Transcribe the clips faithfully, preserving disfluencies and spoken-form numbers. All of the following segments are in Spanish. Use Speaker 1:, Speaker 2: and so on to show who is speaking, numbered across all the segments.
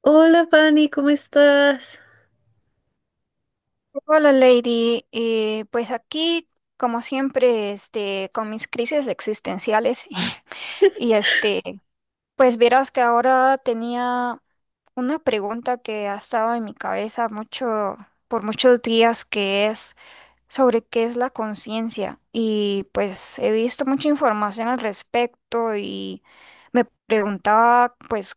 Speaker 1: Hola Fanny, ¿cómo estás?
Speaker 2: Hola, Lady. Eh, pues aquí, como siempre, este, con mis crisis existenciales y este, pues verás que ahora tenía una pregunta que ha estado en mi cabeza mucho, por muchos días, que es sobre qué es la conciencia. Y pues he visto mucha información al respecto y me preguntaba, pues,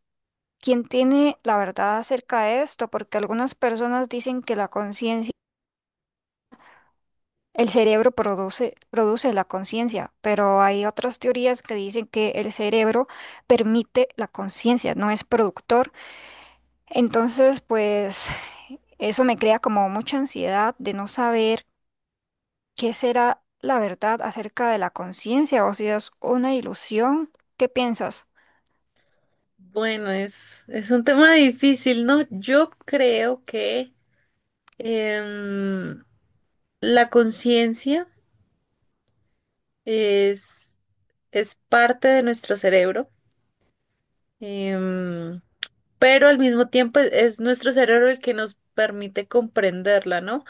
Speaker 2: ¿quién tiene la verdad acerca de esto? Porque algunas personas dicen que la conciencia el cerebro produce, produce la conciencia, pero hay otras teorías que dicen que el cerebro permite la conciencia, no es productor. Entonces, pues eso me crea como mucha ansiedad de no saber qué será la verdad acerca de la conciencia o si es una ilusión. ¿Qué piensas?
Speaker 1: Bueno, es, es un tema difícil, ¿no? Yo creo que em, la conciencia es, es parte de nuestro cerebro, em, pero al mismo tiempo es, es nuestro cerebro el que nos permite comprenderla, ¿no?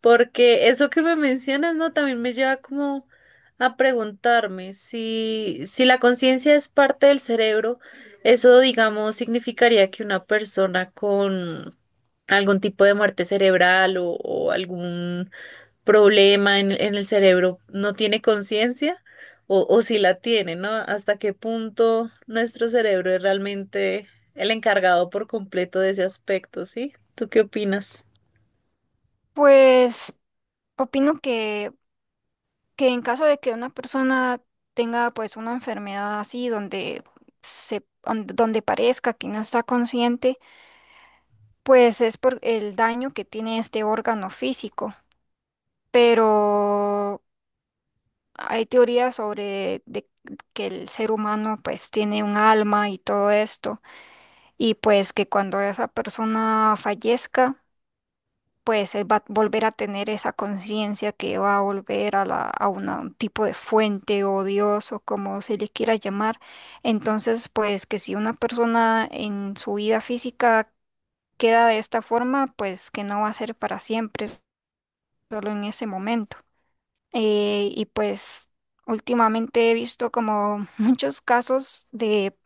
Speaker 1: Porque eso que me mencionas, ¿no? También me lleva como a preguntarme si, si la conciencia es parte del cerebro, eso, digamos, significaría que una persona con algún tipo de muerte cerebral o, o algún problema en, en el cerebro no tiene conciencia o, o si la tiene, ¿no? ¿Hasta qué punto nuestro cerebro es realmente el encargado por completo de ese aspecto, ¿sí? ¿Tú qué opinas?
Speaker 2: Pues opino que, que en caso de que una persona tenga pues una enfermedad así donde se, donde donde parezca que no está consciente, pues es por el daño que tiene este órgano físico, pero hay teorías sobre de que el ser humano pues tiene un alma y todo esto, y pues que cuando esa persona fallezca, pues él va a volver a tener esa conciencia que va a volver a, la, a una- un tipo de fuente o Dios o como se le quiera llamar. Entonces, pues que si una persona en su vida física queda de esta forma, pues que no va a ser para siempre. Solo en ese momento. Eh, y pues últimamente he visto como muchos casos de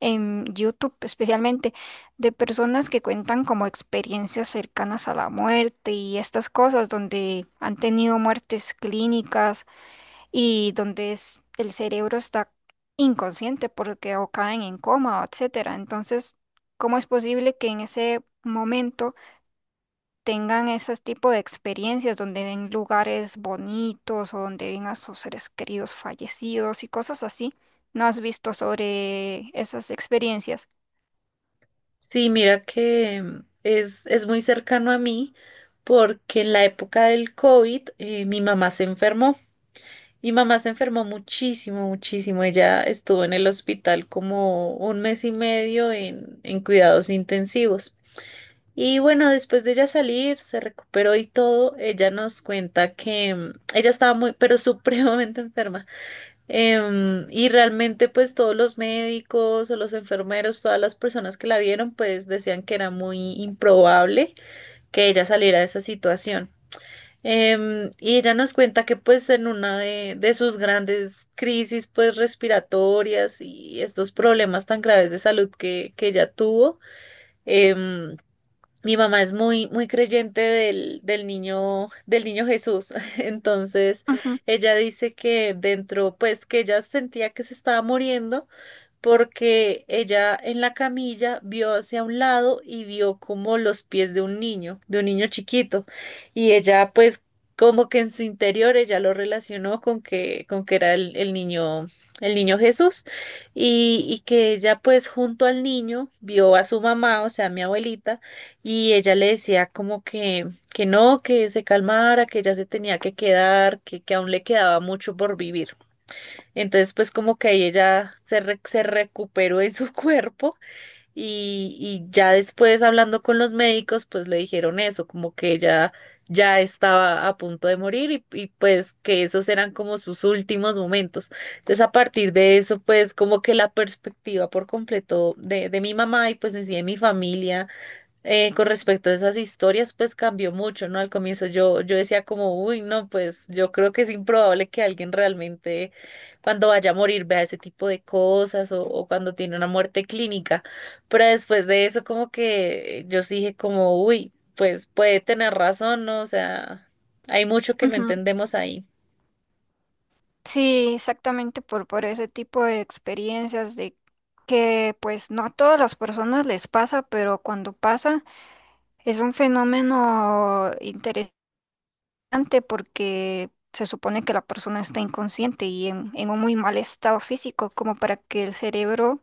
Speaker 2: en YouTube, especialmente de personas que cuentan como experiencias cercanas a la muerte y estas cosas donde han tenido muertes clínicas y donde es- el cerebro está inconsciente porque o caen en coma, etcétera. Entonces, ¿cómo es posible que en ese momento tengan ese tipo de experiencias donde ven lugares bonitos o donde ven a sus seres queridos fallecidos y cosas así? ¿No has visto sobre esas experiencias?
Speaker 1: Sí, mira que mm, es, es muy cercano a mí porque en la época del COVID eh, mi mamá se enfermó. Mi mamá se enfermó muchísimo, muchísimo. Ella estuvo en el hospital como un mes y medio en, en cuidados intensivos. Y bueno, después de ella salir, se recuperó y todo, ella nos cuenta que mm, ella estaba muy, pero supremamente enferma. Em, y realmente pues todos los médicos o los enfermeros, todas las personas que la vieron pues decían que era muy improbable que ella saliera de esa situación. Em, y ella nos cuenta que pues en una de, de sus grandes crisis pues respiratorias y estos problemas tan graves de salud que, que ella tuvo, em, mi mamá es muy, muy creyente del, del niño, del niño Jesús. Entonces,
Speaker 2: Ujú,
Speaker 1: ella dice que dentro, pues que ella sentía que se estaba muriendo porque ella en la camilla vio hacia un lado y vio como los pies de un niño, de un niño chiquito, y ella pues como que en su interior ella lo relacionó con que, con que era el, el niño, el niño Jesús, y, y que ella pues junto al niño vio a su mamá, o sea, a mi abuelita, y ella le decía como que, que no, que se calmara, que ella se tenía que quedar, que, que aún le quedaba mucho por vivir. Entonces, pues como que ahí ella se, re- se recuperó en su cuerpo y, y ya después hablando con los médicos, pues le dijeron eso, como que ella ya estaba a punto de morir y, y pues que esos eran como sus últimos momentos. Entonces, a partir de eso, pues como que la perspectiva por completo de, de mi mamá y pues en sí de mi familia eh, con respecto a esas historias, pues cambió mucho, ¿no? Al comienzo yo, yo decía como, uy, no, pues yo creo que es improbable que alguien realmente cuando vaya a morir vea ese tipo de cosas o, o cuando tiene una muerte clínica. Pero después de eso como que yo sí dije como, uy, pues puede tener razón, ¿no? O sea, hay mucho que no
Speaker 2: ujú.
Speaker 1: entendemos ahí.
Speaker 2: Sí, exactamente por, por ese tipo de experiencias de que pues no a todas las personas les pasa, pero cuando pasa es un fenómeno interesante porque se supone que la persona está inconsciente y en, en un muy mal estado físico, como para que el cerebro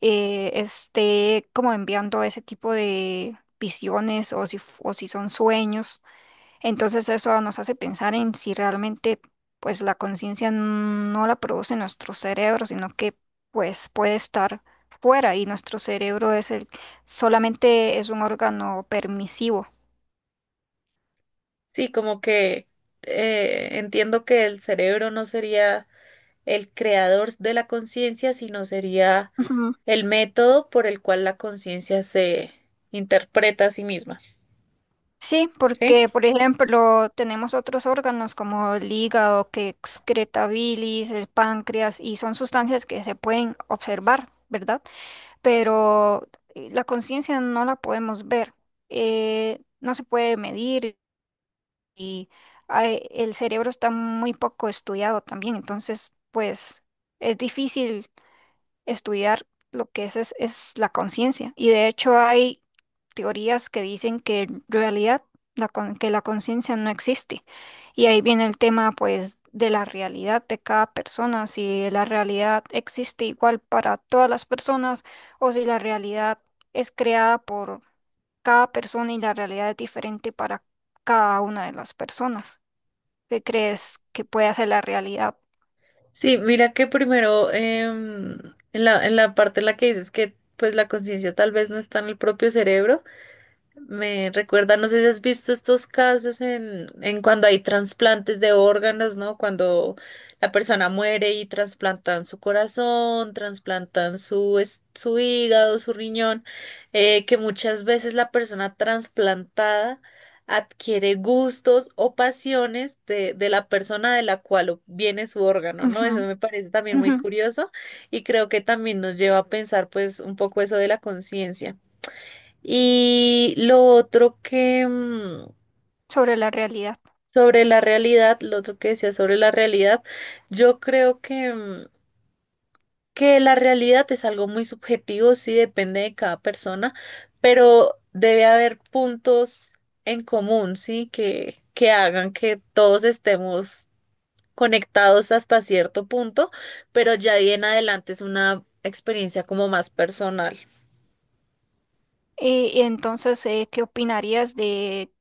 Speaker 2: eh, esté como enviando ese tipo de visiones o si, f- o si son sueños. Entonces eso nos hace pensar en si realmente pues la conciencia no la produce nuestro cerebro, sino que pues puede estar fuera y nuestro cerebro es el solamente es un órgano permisivo.
Speaker 1: Sí, como que eh, entiendo que el cerebro no sería el creador de la conciencia, sino sería el método por el cual la conciencia se interpreta a sí misma,
Speaker 2: Sí,
Speaker 1: ¿sí?
Speaker 2: porque por ejemplo tenemos otros órganos como el hígado que excreta bilis, el páncreas y son sustancias que se pueden observar, ¿verdad? Pero eh, la conciencia no la podemos ver, eh, no se puede medir y ay, el cerebro está muy poco estudiado también, entonces pues es difícil estudiar lo que es, es es la conciencia. Y de hecho hay teorías que dicen que en realidad la con- que la conciencia no existe. Y ahí viene el tema, pues, de la realidad de cada persona, si la realidad existe igual para todas las personas o si la realidad es creada por cada persona y la realidad es diferente para cada una de las personas. ¿Qué crees que puede hacer la realidad?
Speaker 1: Sí, mira que primero em, en la, en la parte en la que dices que pues la conciencia tal vez no está en el propio cerebro, me recuerda, no sé si has visto estos casos en, en cuando hay trasplantes de órganos, ¿no? Cuando la persona muere y trasplantan su corazón, trasplantan su, es- su hígado, su riñón, eh, que muchas veces la persona trasplantada adquiere gustos o pasiones de, de la persona de la cual viene su órgano, ¿no?
Speaker 2: Ujú,
Speaker 1: Eso me parece también muy
Speaker 2: ujú.
Speaker 1: curioso y creo que también nos lleva a pensar pues un poco eso de la conciencia. Y lo otro que mm,
Speaker 2: Sobre la realidad.
Speaker 1: sobre la realidad, lo otro que decía sobre la realidad, yo creo que, mm, que la realidad es algo muy subjetivo, sí depende de cada persona, pero debe haber puntos en común, sí, que, que hagan que todos estemos conectados hasta cierto punto, pero ya de ahí en adelante es una experiencia como más personal.
Speaker 2: Y, y entonces, eh, ¿qué opinarías de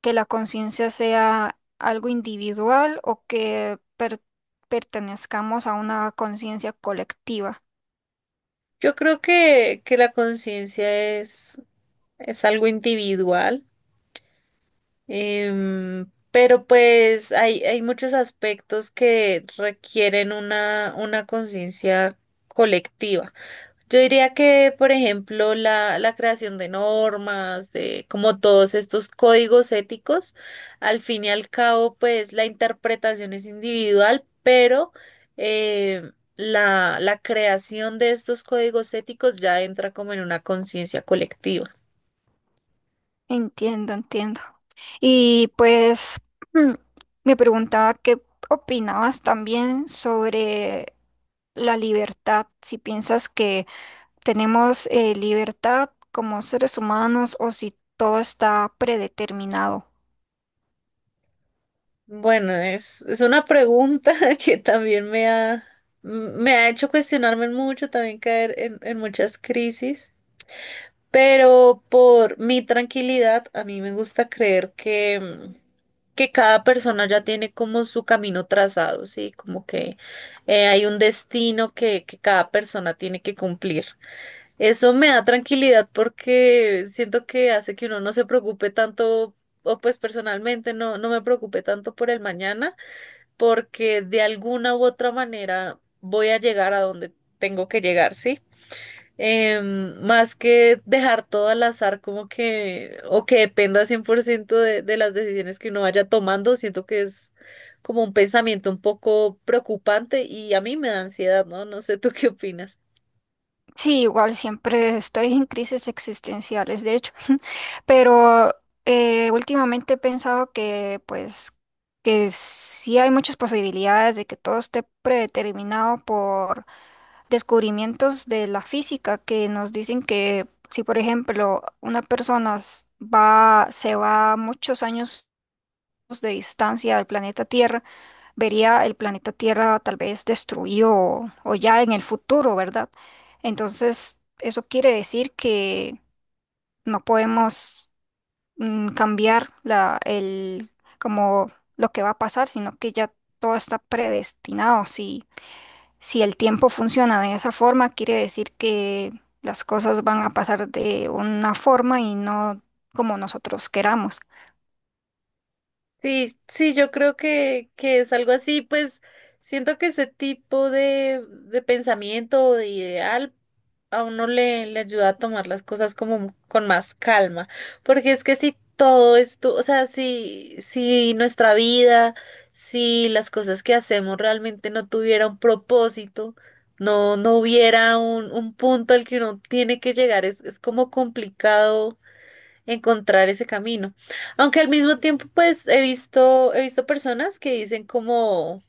Speaker 2: que la conciencia sea algo individual o que per- pertenezcamos a una conciencia colectiva?
Speaker 1: Yo creo que, que la conciencia es, es algo individual. Em, pero pues hay, hay muchos aspectos que requieren una, una conciencia colectiva. Yo diría que, por ejemplo, la, la creación de normas, de como todos estos códigos éticos, al fin y al cabo, pues la interpretación es individual, pero em, la, la creación de estos códigos éticos ya entra como en una conciencia colectiva.
Speaker 2: Entiendo, entiendo. Y pues mm, me preguntaba qué opinabas también sobre la libertad, si piensas que tenemos eh, libertad como seres humanos o si todo está predeterminado.
Speaker 1: Bueno, es, es una pregunta que también me ha, me ha hecho cuestionarme mucho, también caer en, en muchas crisis. Pero por mi tranquilidad, a mí me gusta creer que, mm, que cada persona ya tiene como su camino trazado, ¿sí? Como que eh, hay un destino que, que cada persona tiene que cumplir. Eso me da tranquilidad porque siento que hace que uno no se preocupe tanto, o pues personalmente no, no me preocupe tanto por el mañana, porque de alguna u otra manera voy a llegar a donde tengo que llegar, ¿sí? Em, más que dejar todo al azar, como que, o que dependa cien por ciento de, de las decisiones que uno vaya tomando, siento que es como un pensamiento un poco preocupante y a mí me da ansiedad, ¿no? No sé, ¿tú qué opinas?
Speaker 2: Sí, igual siempre estoy en crisis existenciales, de hecho, pero eh, últimamente he pensado que pues que sí hay muchas posibilidades de que todo esté predeterminado por descubrimientos de la física que nos dicen que si por ejemplo una persona s- va se va a muchos años de distancia al planeta Tierra, vería el planeta Tierra tal vez destruido o, o ya en el futuro, ¿verdad? Entonces, eso quiere decir que no podemos mm, cambiar la, el, como lo que va a pasar, sino que ya todo está predestinado. Si, si el tiempo funciona de esa forma, quiere decir que las cosas van a pasar de una forma y no como nosotros queramos.
Speaker 1: Sí, sí, yo creo que, que es algo así, pues siento que ese tipo de, de pensamiento o de ideal a uno le, le ayuda a tomar las cosas como con más calma, porque es que si todo esto, o sea, si, si nuestra vida, si las cosas que hacemos realmente no tuviera un propósito, no, no hubiera un, un punto al que uno tiene que llegar, es, es como complicado encontrar ese camino. Aunque al mismo tiempo, pues he visto, he visto personas que dicen como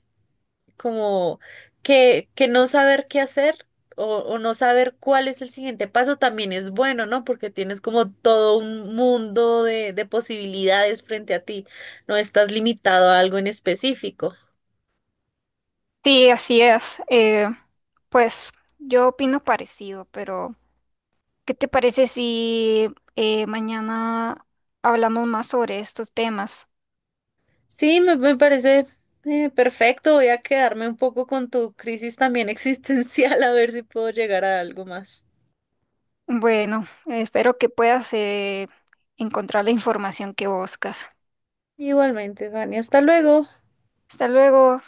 Speaker 1: como que, que no saber qué hacer o, o no saber cuál es el siguiente paso también es bueno, ¿no? Porque tienes como todo un mundo de, de posibilidades frente a ti, no estás limitado a algo en específico.
Speaker 2: Sí, así es. Eh, pues yo opino parecido, pero... ¿Qué te parece si eh, mañana hablamos más sobre estos temas?
Speaker 1: Sí, me, me parece eh, perfecto, voy a quedarme un poco con tu crisis también existencial a ver si puedo llegar a algo más.
Speaker 2: Bueno, espero que puedas eh, encontrar la información que buscas.
Speaker 1: Igualmente, Vani, hasta luego.
Speaker 2: Hasta luego.